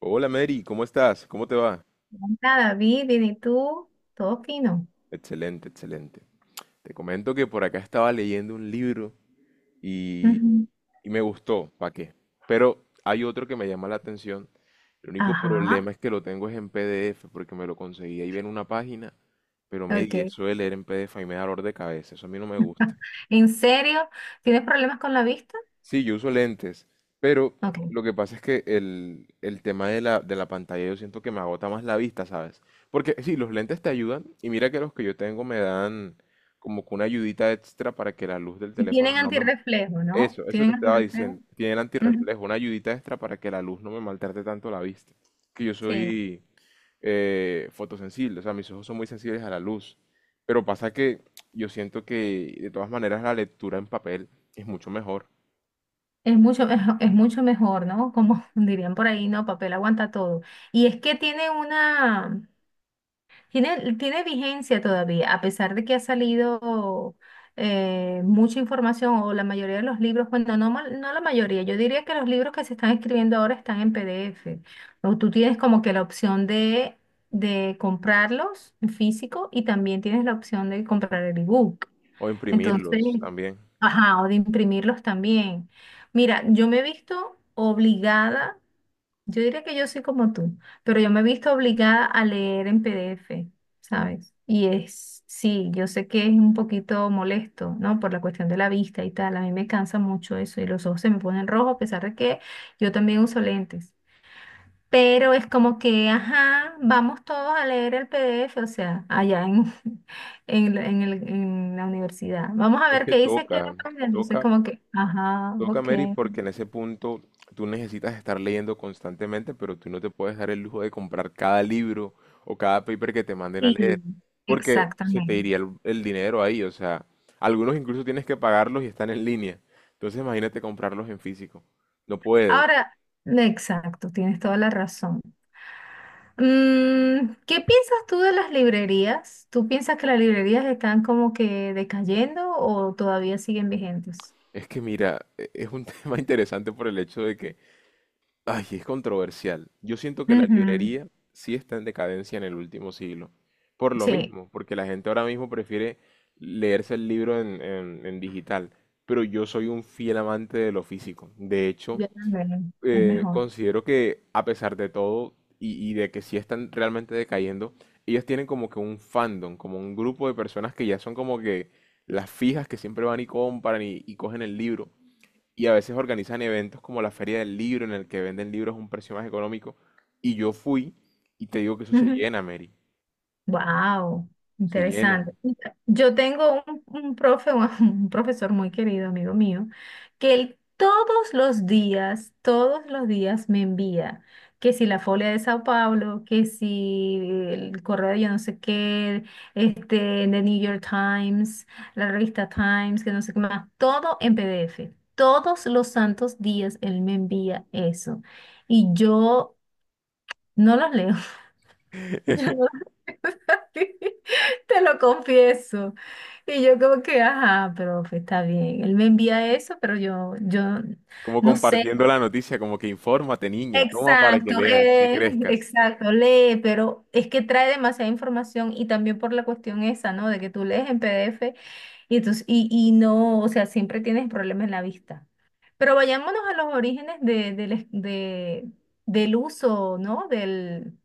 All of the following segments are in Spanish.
Hola Mary, ¿cómo estás? ¿Cómo te va? Nada David, bien, ¿y tú? Todo fino. Excelente, excelente. Te comento que por acá estaba leyendo un libro y, Ujú. y me gustó, ¿para qué? Pero hay otro que me llama la atención. El único Ajá, problema es que lo tengo es en PDF porque me lo conseguí ahí en una página, pero Mary, ok. eso de leer en PDF ahí me da dolor de cabeza, eso a mí no me gusta. ¿En serio? ¿Tienes problemas con la vista? Sí, yo uso lentes, pero lo Ok. que pasa es que el tema de la pantalla yo siento que me agota más la vista, ¿sabes? Porque sí, los lentes te ayudan y mira que los que yo tengo me dan como que una ayudita extra para que la luz del Y teléfono tienen no me. antirreflejo, ¿no? Eso te ¿Tienen estaba antirreflejo? diciendo. Tienen Ujú. antirreflejo, una ayudita extra para que la luz no me maltrate tanto la vista. Que yo Sí. soy fotosensible, o sea, mis ojos son muy sensibles a la luz. Pero pasa que yo siento que de todas maneras la lectura en papel es mucho mejor. Es mucho, es mucho mejor, ¿no? Como dirían por ahí, no, papel aguanta todo. Y es que tiene una, Tiene vigencia todavía, a pesar de que ha salido mucha información o la mayoría de los libros, bueno, no, no la mayoría, yo diría que los libros que se están escribiendo ahora están en PDF, o tú tienes como que la opción de comprarlos en físico y también tienes la opción de comprar el ebook. O Entonces, imprimirlos también. ajá, o de imprimirlos también. Mira, yo me he visto obligada yo diría que yo soy como tú, pero yo me he visto obligada a leer en PDF, ¿sabes? Y sí, yo sé que es un poquito molesto, ¿no? Por la cuestión de la vista y tal. A mí me cansa mucho eso y los ojos se me ponen rojos a pesar de que yo también uso lentes. Pero es como que, ajá, vamos todos a leer el PDF, o sea, allá en la universidad. Vamos a Es ver que qué dice aquí toca, en la página. Dice toca, como que, ajá, toca, ok. Mary, porque en ese punto tú necesitas estar leyendo constantemente, pero tú no te puedes dar el lujo de comprar cada libro o cada paper que te manden a leer, Sí, porque se te exactamente. iría el dinero ahí, o sea, algunos incluso tienes que pagarlos y están en línea. Entonces imagínate comprarlos en físico. No puedes. Ahora, exacto, tienes toda la razón. ¿Qué piensas tú de las librerías? ¿Tú piensas que las librerías están como que decayendo o todavía siguen vigentes? Es que mira, es un tema interesante por el hecho de que ay, es controversial. Yo siento que la Ujú. librería sí está en decadencia en el último siglo. Por lo Sí, mismo, porque la gente ahora mismo prefiere leerse el libro en digital. Pero yo soy un fiel amante de lo físico. De hecho, yo también, es mejor. considero que a pesar de todo y de que sí están realmente decayendo, ellas tienen como que un fandom, como un grupo de personas que ya son como que las fijas que siempre van y compran y cogen el libro y a veces organizan eventos como la Feria del Libro, en el que venden libros a un precio más económico. Y yo fui y te digo que eso se Ujú. llena, Mary. Wow, Se interesante. llena. Yo tengo un profesor muy querido, amigo mío, que él todos los días me envía que si la Folia de Sao Paulo, que si el correo de yo no sé qué, este, de New York Times, la revista Times, que no sé qué más, todo en PDF. Todos los santos días él me envía eso. Y yo no los leo. Te lo confieso. Y yo como que, ajá, profe, está bien. Él me envía eso, pero yo Como no sé. compartiendo la noticia, como que infórmate, niña, toma para que Exacto, leas y crezcas. exacto, lee, pero es que trae demasiada información y también por la cuestión esa, ¿no? De que tú lees en PDF y, entonces, y no, o sea, siempre tienes problemas en la vista. Pero vayámonos a los orígenes de, del es- de- del uso, ¿no? Del,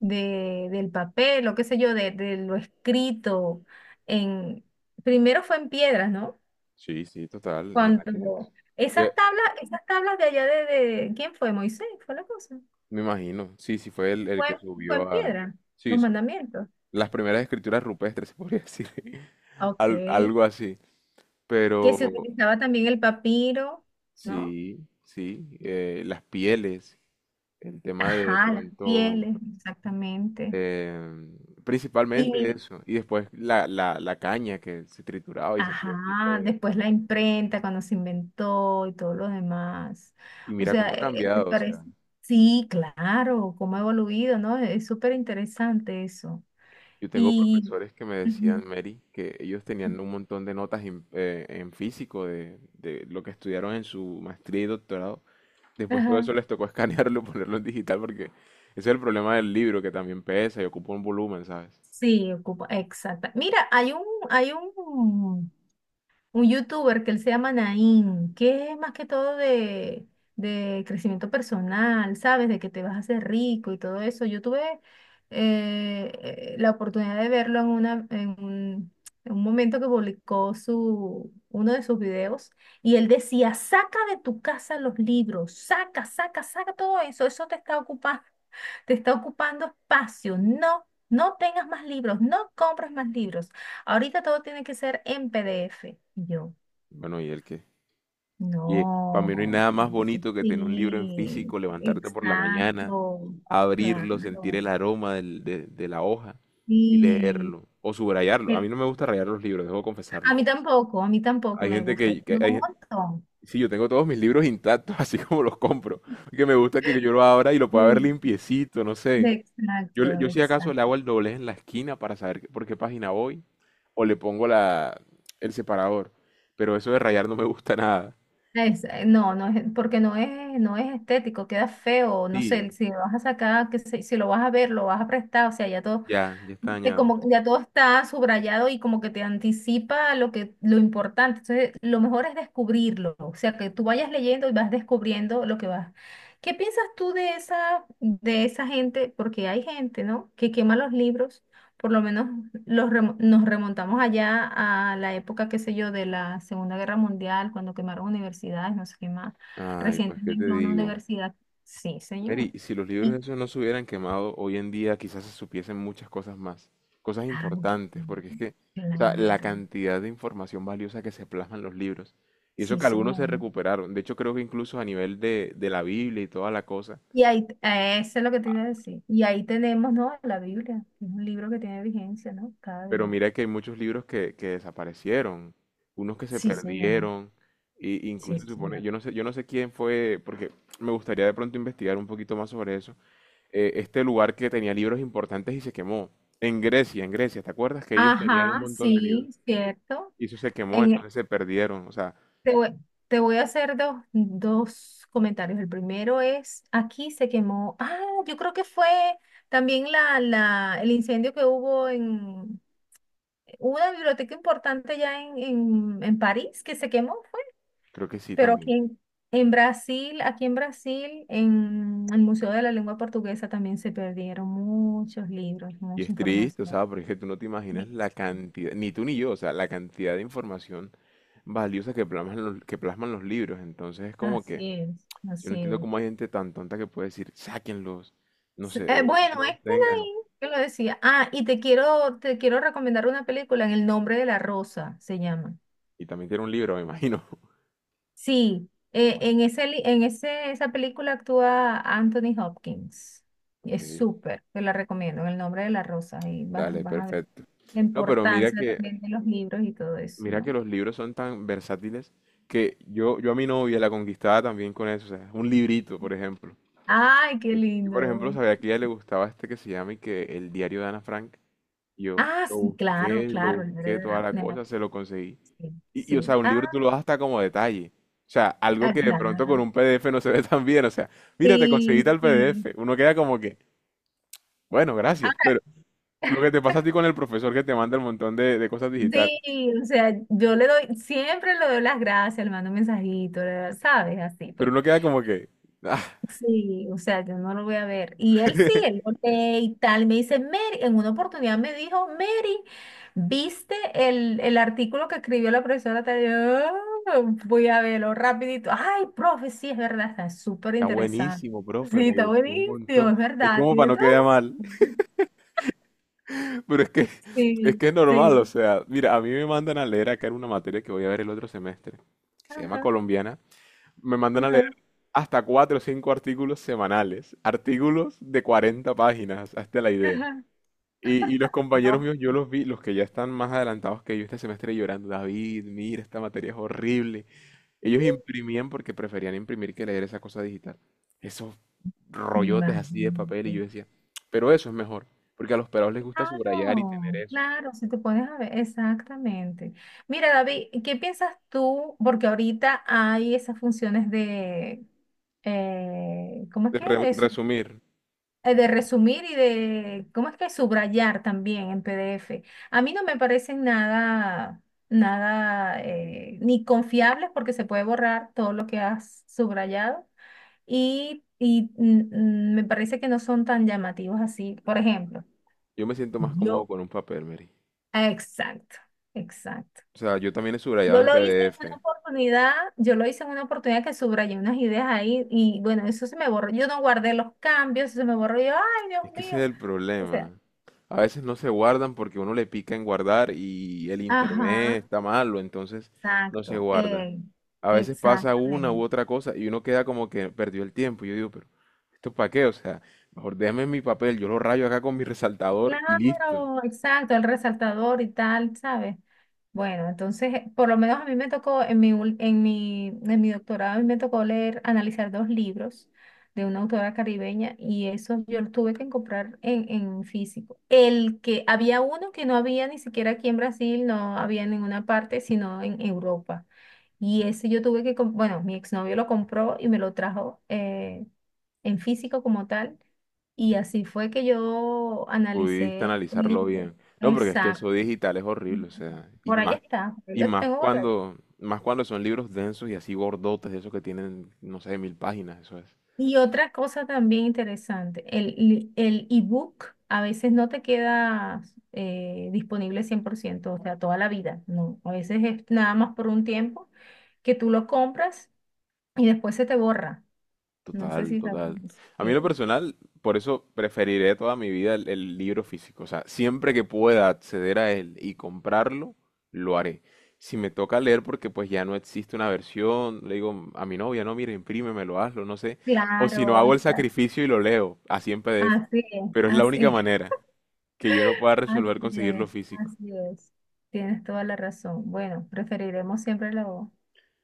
de, del papel o qué sé yo, de lo escrito en, primero fue en piedras, ¿no? Sí, sí, total, en la que. Cuando Eh, esas tablas de allá de- ¿quién fue? Moisés, fue la cosa. Me imagino, sí, sí, fue el Fue, que fue subió en a. piedra, Sí, los sí. mandamientos. Las primeras escrituras rupestres, se podría decir. Ah, al- ok. algo así. Que se Pero utilizaba también el papiro, ¿no? sí, sí, las pieles. El tema de Ajá, las pronto, pieles, exactamente. em, principalmente Y, eso, y después la caña que se trituraba y se hacía un tipo Ajá, de. después la imprenta cuando se inventó y todo lo demás. Y O mira sea, cómo ha me cambiado, o parece, sea, sí, claro, cómo ha evoluido, ¿no? Es súper interesante eso. yo tengo Y, profesores que me ujú, decían, Mary, que ellos tenían un montón de notas en físico de lo que estudiaron en su maestría y doctorado, después todo ajá, eso les tocó escanearlo, ponerlo en digital, porque ese es el problema del libro, que también pesa y ocupa un volumen, ¿sabes? sí, ocupa, exacta. Mira, hay un youtuber que él se llama Nain, que es más que todo de crecimiento personal, ¿sabes? De que te vas a hacer rico y todo eso. Yo tuve la oportunidad de verlo en un momento que publicó uno de sus videos y él decía, saca de tu casa los libros, saca, saca, saca todo eso, eso te está ocupando espacio, no. No tengas más libros, no compres más libros. Ahorita todo tiene que ser en PDF. Y yo, Bueno, y el que Oye, para mí no hay no, nada más bonito que tener un libro en sí, físico, levantarte por la mañana, exacto, abrirlo, sentir claro. el aroma de la hoja y Sí. leerlo o subrayarlo. A Eh, mí no me gusta rayar los libros, debo confesarlo. A mí tampoco Hay me gente gusta. Yo que, tengo un montón. sí, yo tengo todos mis libros intactos, así como los compro, que me gusta que yo lo abra y lo pueda ver Sí, limpiecito, no sé. Yo, le- exacto, yo si acaso le exacto. hago el doblez en la esquina para saber por qué página voy o le pongo la, el separador, pero eso de rayar no me gusta nada. No, no es, porque no es estético, queda feo, no sé, Sí, si lo vas a sacar, si lo vas a ver, lo vas a prestar, o sea, ya todo ya, ya está de dañado. como ya todo está subrayado y como que te anticipa lo importante. Entonces, lo mejor es descubrirlo, o sea, que tú vayas leyendo y vas descubriendo lo que vas. ¿Qué piensas tú de esa gente? Porque hay gente, ¿no? que quema los libros. Por lo menos nos remontamos allá a la época, qué sé yo, de la Segunda Guerra Mundial, cuando quemaron universidades, no sé qué más. Ay, pues qué te Recientemente una digo. universidad. Sí, señor. Mary, si los libros Y, esos no se hubieran quemado, hoy en día quizás se supiesen muchas cosas más, cosas ay, sí, importantes, porque es que, o sea, la claro. cantidad de información valiosa que se plasma en los libros, y eso Sí, que algunos se señor. recuperaron, de hecho creo que incluso a nivel de la Biblia y toda la cosa, Y ahí, eso es lo que te iba a decir. Y ahí tenemos, ¿no? La Biblia, que es un libro que tiene vigencia, ¿no? Cada pero día. mira que hay muchos libros que desaparecieron, unos que se Sí, señor. perdieron, y Sí, incluso se supone, señor. Yo no sé quién fue, porque me gustaría de pronto investigar un poquito más sobre eso, este lugar que tenía libros importantes y se quemó. En Grecia, ¿te acuerdas que ellos tenían un Ajá, montón de libros? sí, cierto. Y eso se quemó, En- entonces se perdieron. O sea, te voy, te voy a hacer dos comentarios. El primero es, aquí se quemó. Ah, yo creo que fue también el incendio que hubo en una biblioteca importante ya en París, que se quemó. creo que sí Pero aquí también. en Brasil, aquí en Brasil, en el Museo de la Lengua Portuguesa también se perdieron muchos libros, Y mucha es triste, o información. sea, porque tú no te imaginas Dice, la cantidad, ni tú ni yo, o sea, la cantidad de información valiosa que plasman los libros. Entonces es como que Así es, yo no así entiendo es. cómo hay gente tan tonta que puede decir, sáquenlos, no sé, Bueno, no los este tengan. ahí que lo decía. Ah, y te quiero recomendar una película en El nombre de la rosa, se llama. Y también tiene un libro, me imagino. Sí, en ese, li- en ese, esa película actúa Anthony Hopkins. Y Ok, es súper, te la recomiendo, en el nombre de la rosa. Y vas, dale, vas a ver perfecto. la No, pero mira importancia que también de los libros y todo eso, Mira que ¿no? los libros son tan versátiles que yo a mi novia la conquistaba también con eso, o sea, un librito, por ejemplo. ¡Ay, qué Yo, por ejemplo, lindo! sabía que a ella le gustaba este que se llama y que El diario de Ana Frank. Y yo Ah, sí, claro, lo claro, el busqué, nombre toda la de la- cosa, se lo conseguí. Sí, Y, o sea, sí. un Ah, libro tú lo das hasta como detalle. O sea, algo ah, que de pronto con claro. un PDF no se ve tan bien. O sea, mira, te conseguí Sí, tal sí. PDF. Uno queda como que, bueno, Ah, gracias. Pero lo que te pasa a ti con el profesor que te manda el montón de cosas digitales. sí, o sea, yo le doy, siempre le doy las gracias, le mando un mensajito, le- ¿sabes? Así Pero pues. uno queda como que, ah. Sí, o sea, yo no lo voy a ver. Y él sí, él lo lee y tal. Me dice, Mary, en una oportunidad me dijo, Mary, ¿viste el artículo que escribió la profesora? Tal?" Y yo, "Ah, voy a verlo rapidito. Ay, profe, sí, es verdad, está súper Está interesante. buenísimo, profe, Sí, me está gustó un buenísimo, montón. es Hay verdad, como para tiene no todo quedar mal, lo... pero es que es Sí, que es normal, o sí. sea, mira, a mí me mandan a leer acá en una materia que voy a ver el otro semestre, que se llama Ajá, colombiana, me mandan a leer ajá, hasta cuatro o cinco artículos semanales, artículos de 40 páginas, hasta la idea. ajá. Y los compañeros No, míos, yo los vi, los que ya están más adelantados que yo este semestre llorando, David, mira, esta materia es horrible. Ellos imprimían porque preferían imprimir que leer esa cosa digital. Esos rollotes así de papel imagínate. y yo decía, pero eso es mejor, porque a los pelados les gusta subrayar y tener Claro, eso. claro, si te pones a ver, exactamente. Mira, David, ¿qué piensas tú? Porque ahorita hay esas funciones de, ¿cómo es que? Re- resumir, De resumir y de, ¿cómo es que? Subrayar también en PDF. A mí no me parecen nada, nada, ni confiables porque se puede borrar todo lo que has subrayado y me parece que no son tan llamativos así. Por ejemplo. Yo me siento más cómodo Yo, con un papel, Mary. Exacto, exacto. O sea, yo también he subrayado en PDF, Yo lo hice en una oportunidad que subrayé unas ideas ahí y bueno, eso se me borró. Yo no guardé los cambios, eso se me borró. Ay, Dios que ese mío. es el O sea, problema. A veces no se guardan porque uno le pica en guardar y el ajá, internet está malo, entonces no se exacto, guarda. A veces pasa una u exactamente. otra cosa y uno queda como que perdió el tiempo. Yo digo, pero ¿esto para qué? O sea, mejor déjame mi papel, yo lo rayo acá con mi resaltador y listo. Claro, exacto, el resaltador y tal, ¿sabes? Bueno, entonces, por lo menos a mí me tocó, en mi, ul- en mi doctorado, a mí me tocó leer, analizar dos libros de una autora caribeña y esos yo los tuve que comprar en físico. El que había uno que no había ni siquiera aquí en Brasil, no había en ninguna parte, sino en Europa. Y ese yo tuve que, bueno, mi exnovio lo compró y me lo trajo en físico como tal. Y así fue que yo Pudiste analicé el analizarlo libro. bien. No, porque es que Exacto. eso digital es horrible, o sea, y Por ahí más, está, ahí y lo más tengo guardado. cuando, más cuando son libros densos y así gordotes, esos que tienen, no sé, 1000 páginas, eso es. Y otra cosa también interesante, el ebook a veces no te queda disponible 100% o sea, toda la vida, no. A veces es nada más por un tiempo que tú lo compras y después se te borra. No sé Total, si sabes total. eso. A mí en lo Sí, personal, por eso preferiré toda mi vida el libro físico. O sea, siempre que pueda acceder a él y comprarlo, lo haré. Si me toca leer porque pues ya no existe una versión, le digo a mi novia, no, mira, imprímemelo, hazlo, no sé. O si no, claro, hago el exacto. sacrificio y lo leo, así en PDF. Así es, Pero es la así única es. manera que yo no pueda resolver Así conseguirlo es, físico. así es. Tienes toda la razón. Bueno, preferiremos siempre lo,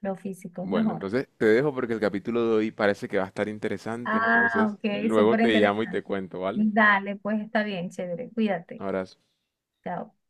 lo físico, es Bueno, mejor. entonces te dejo porque el capítulo de hoy parece que va a estar interesante. Ah, Entonces, ok, luego súper te llamo y te interesante. cuento, ¿vale? Dale, pues está bien, chévere. Cuídate. Abrazo. Chao.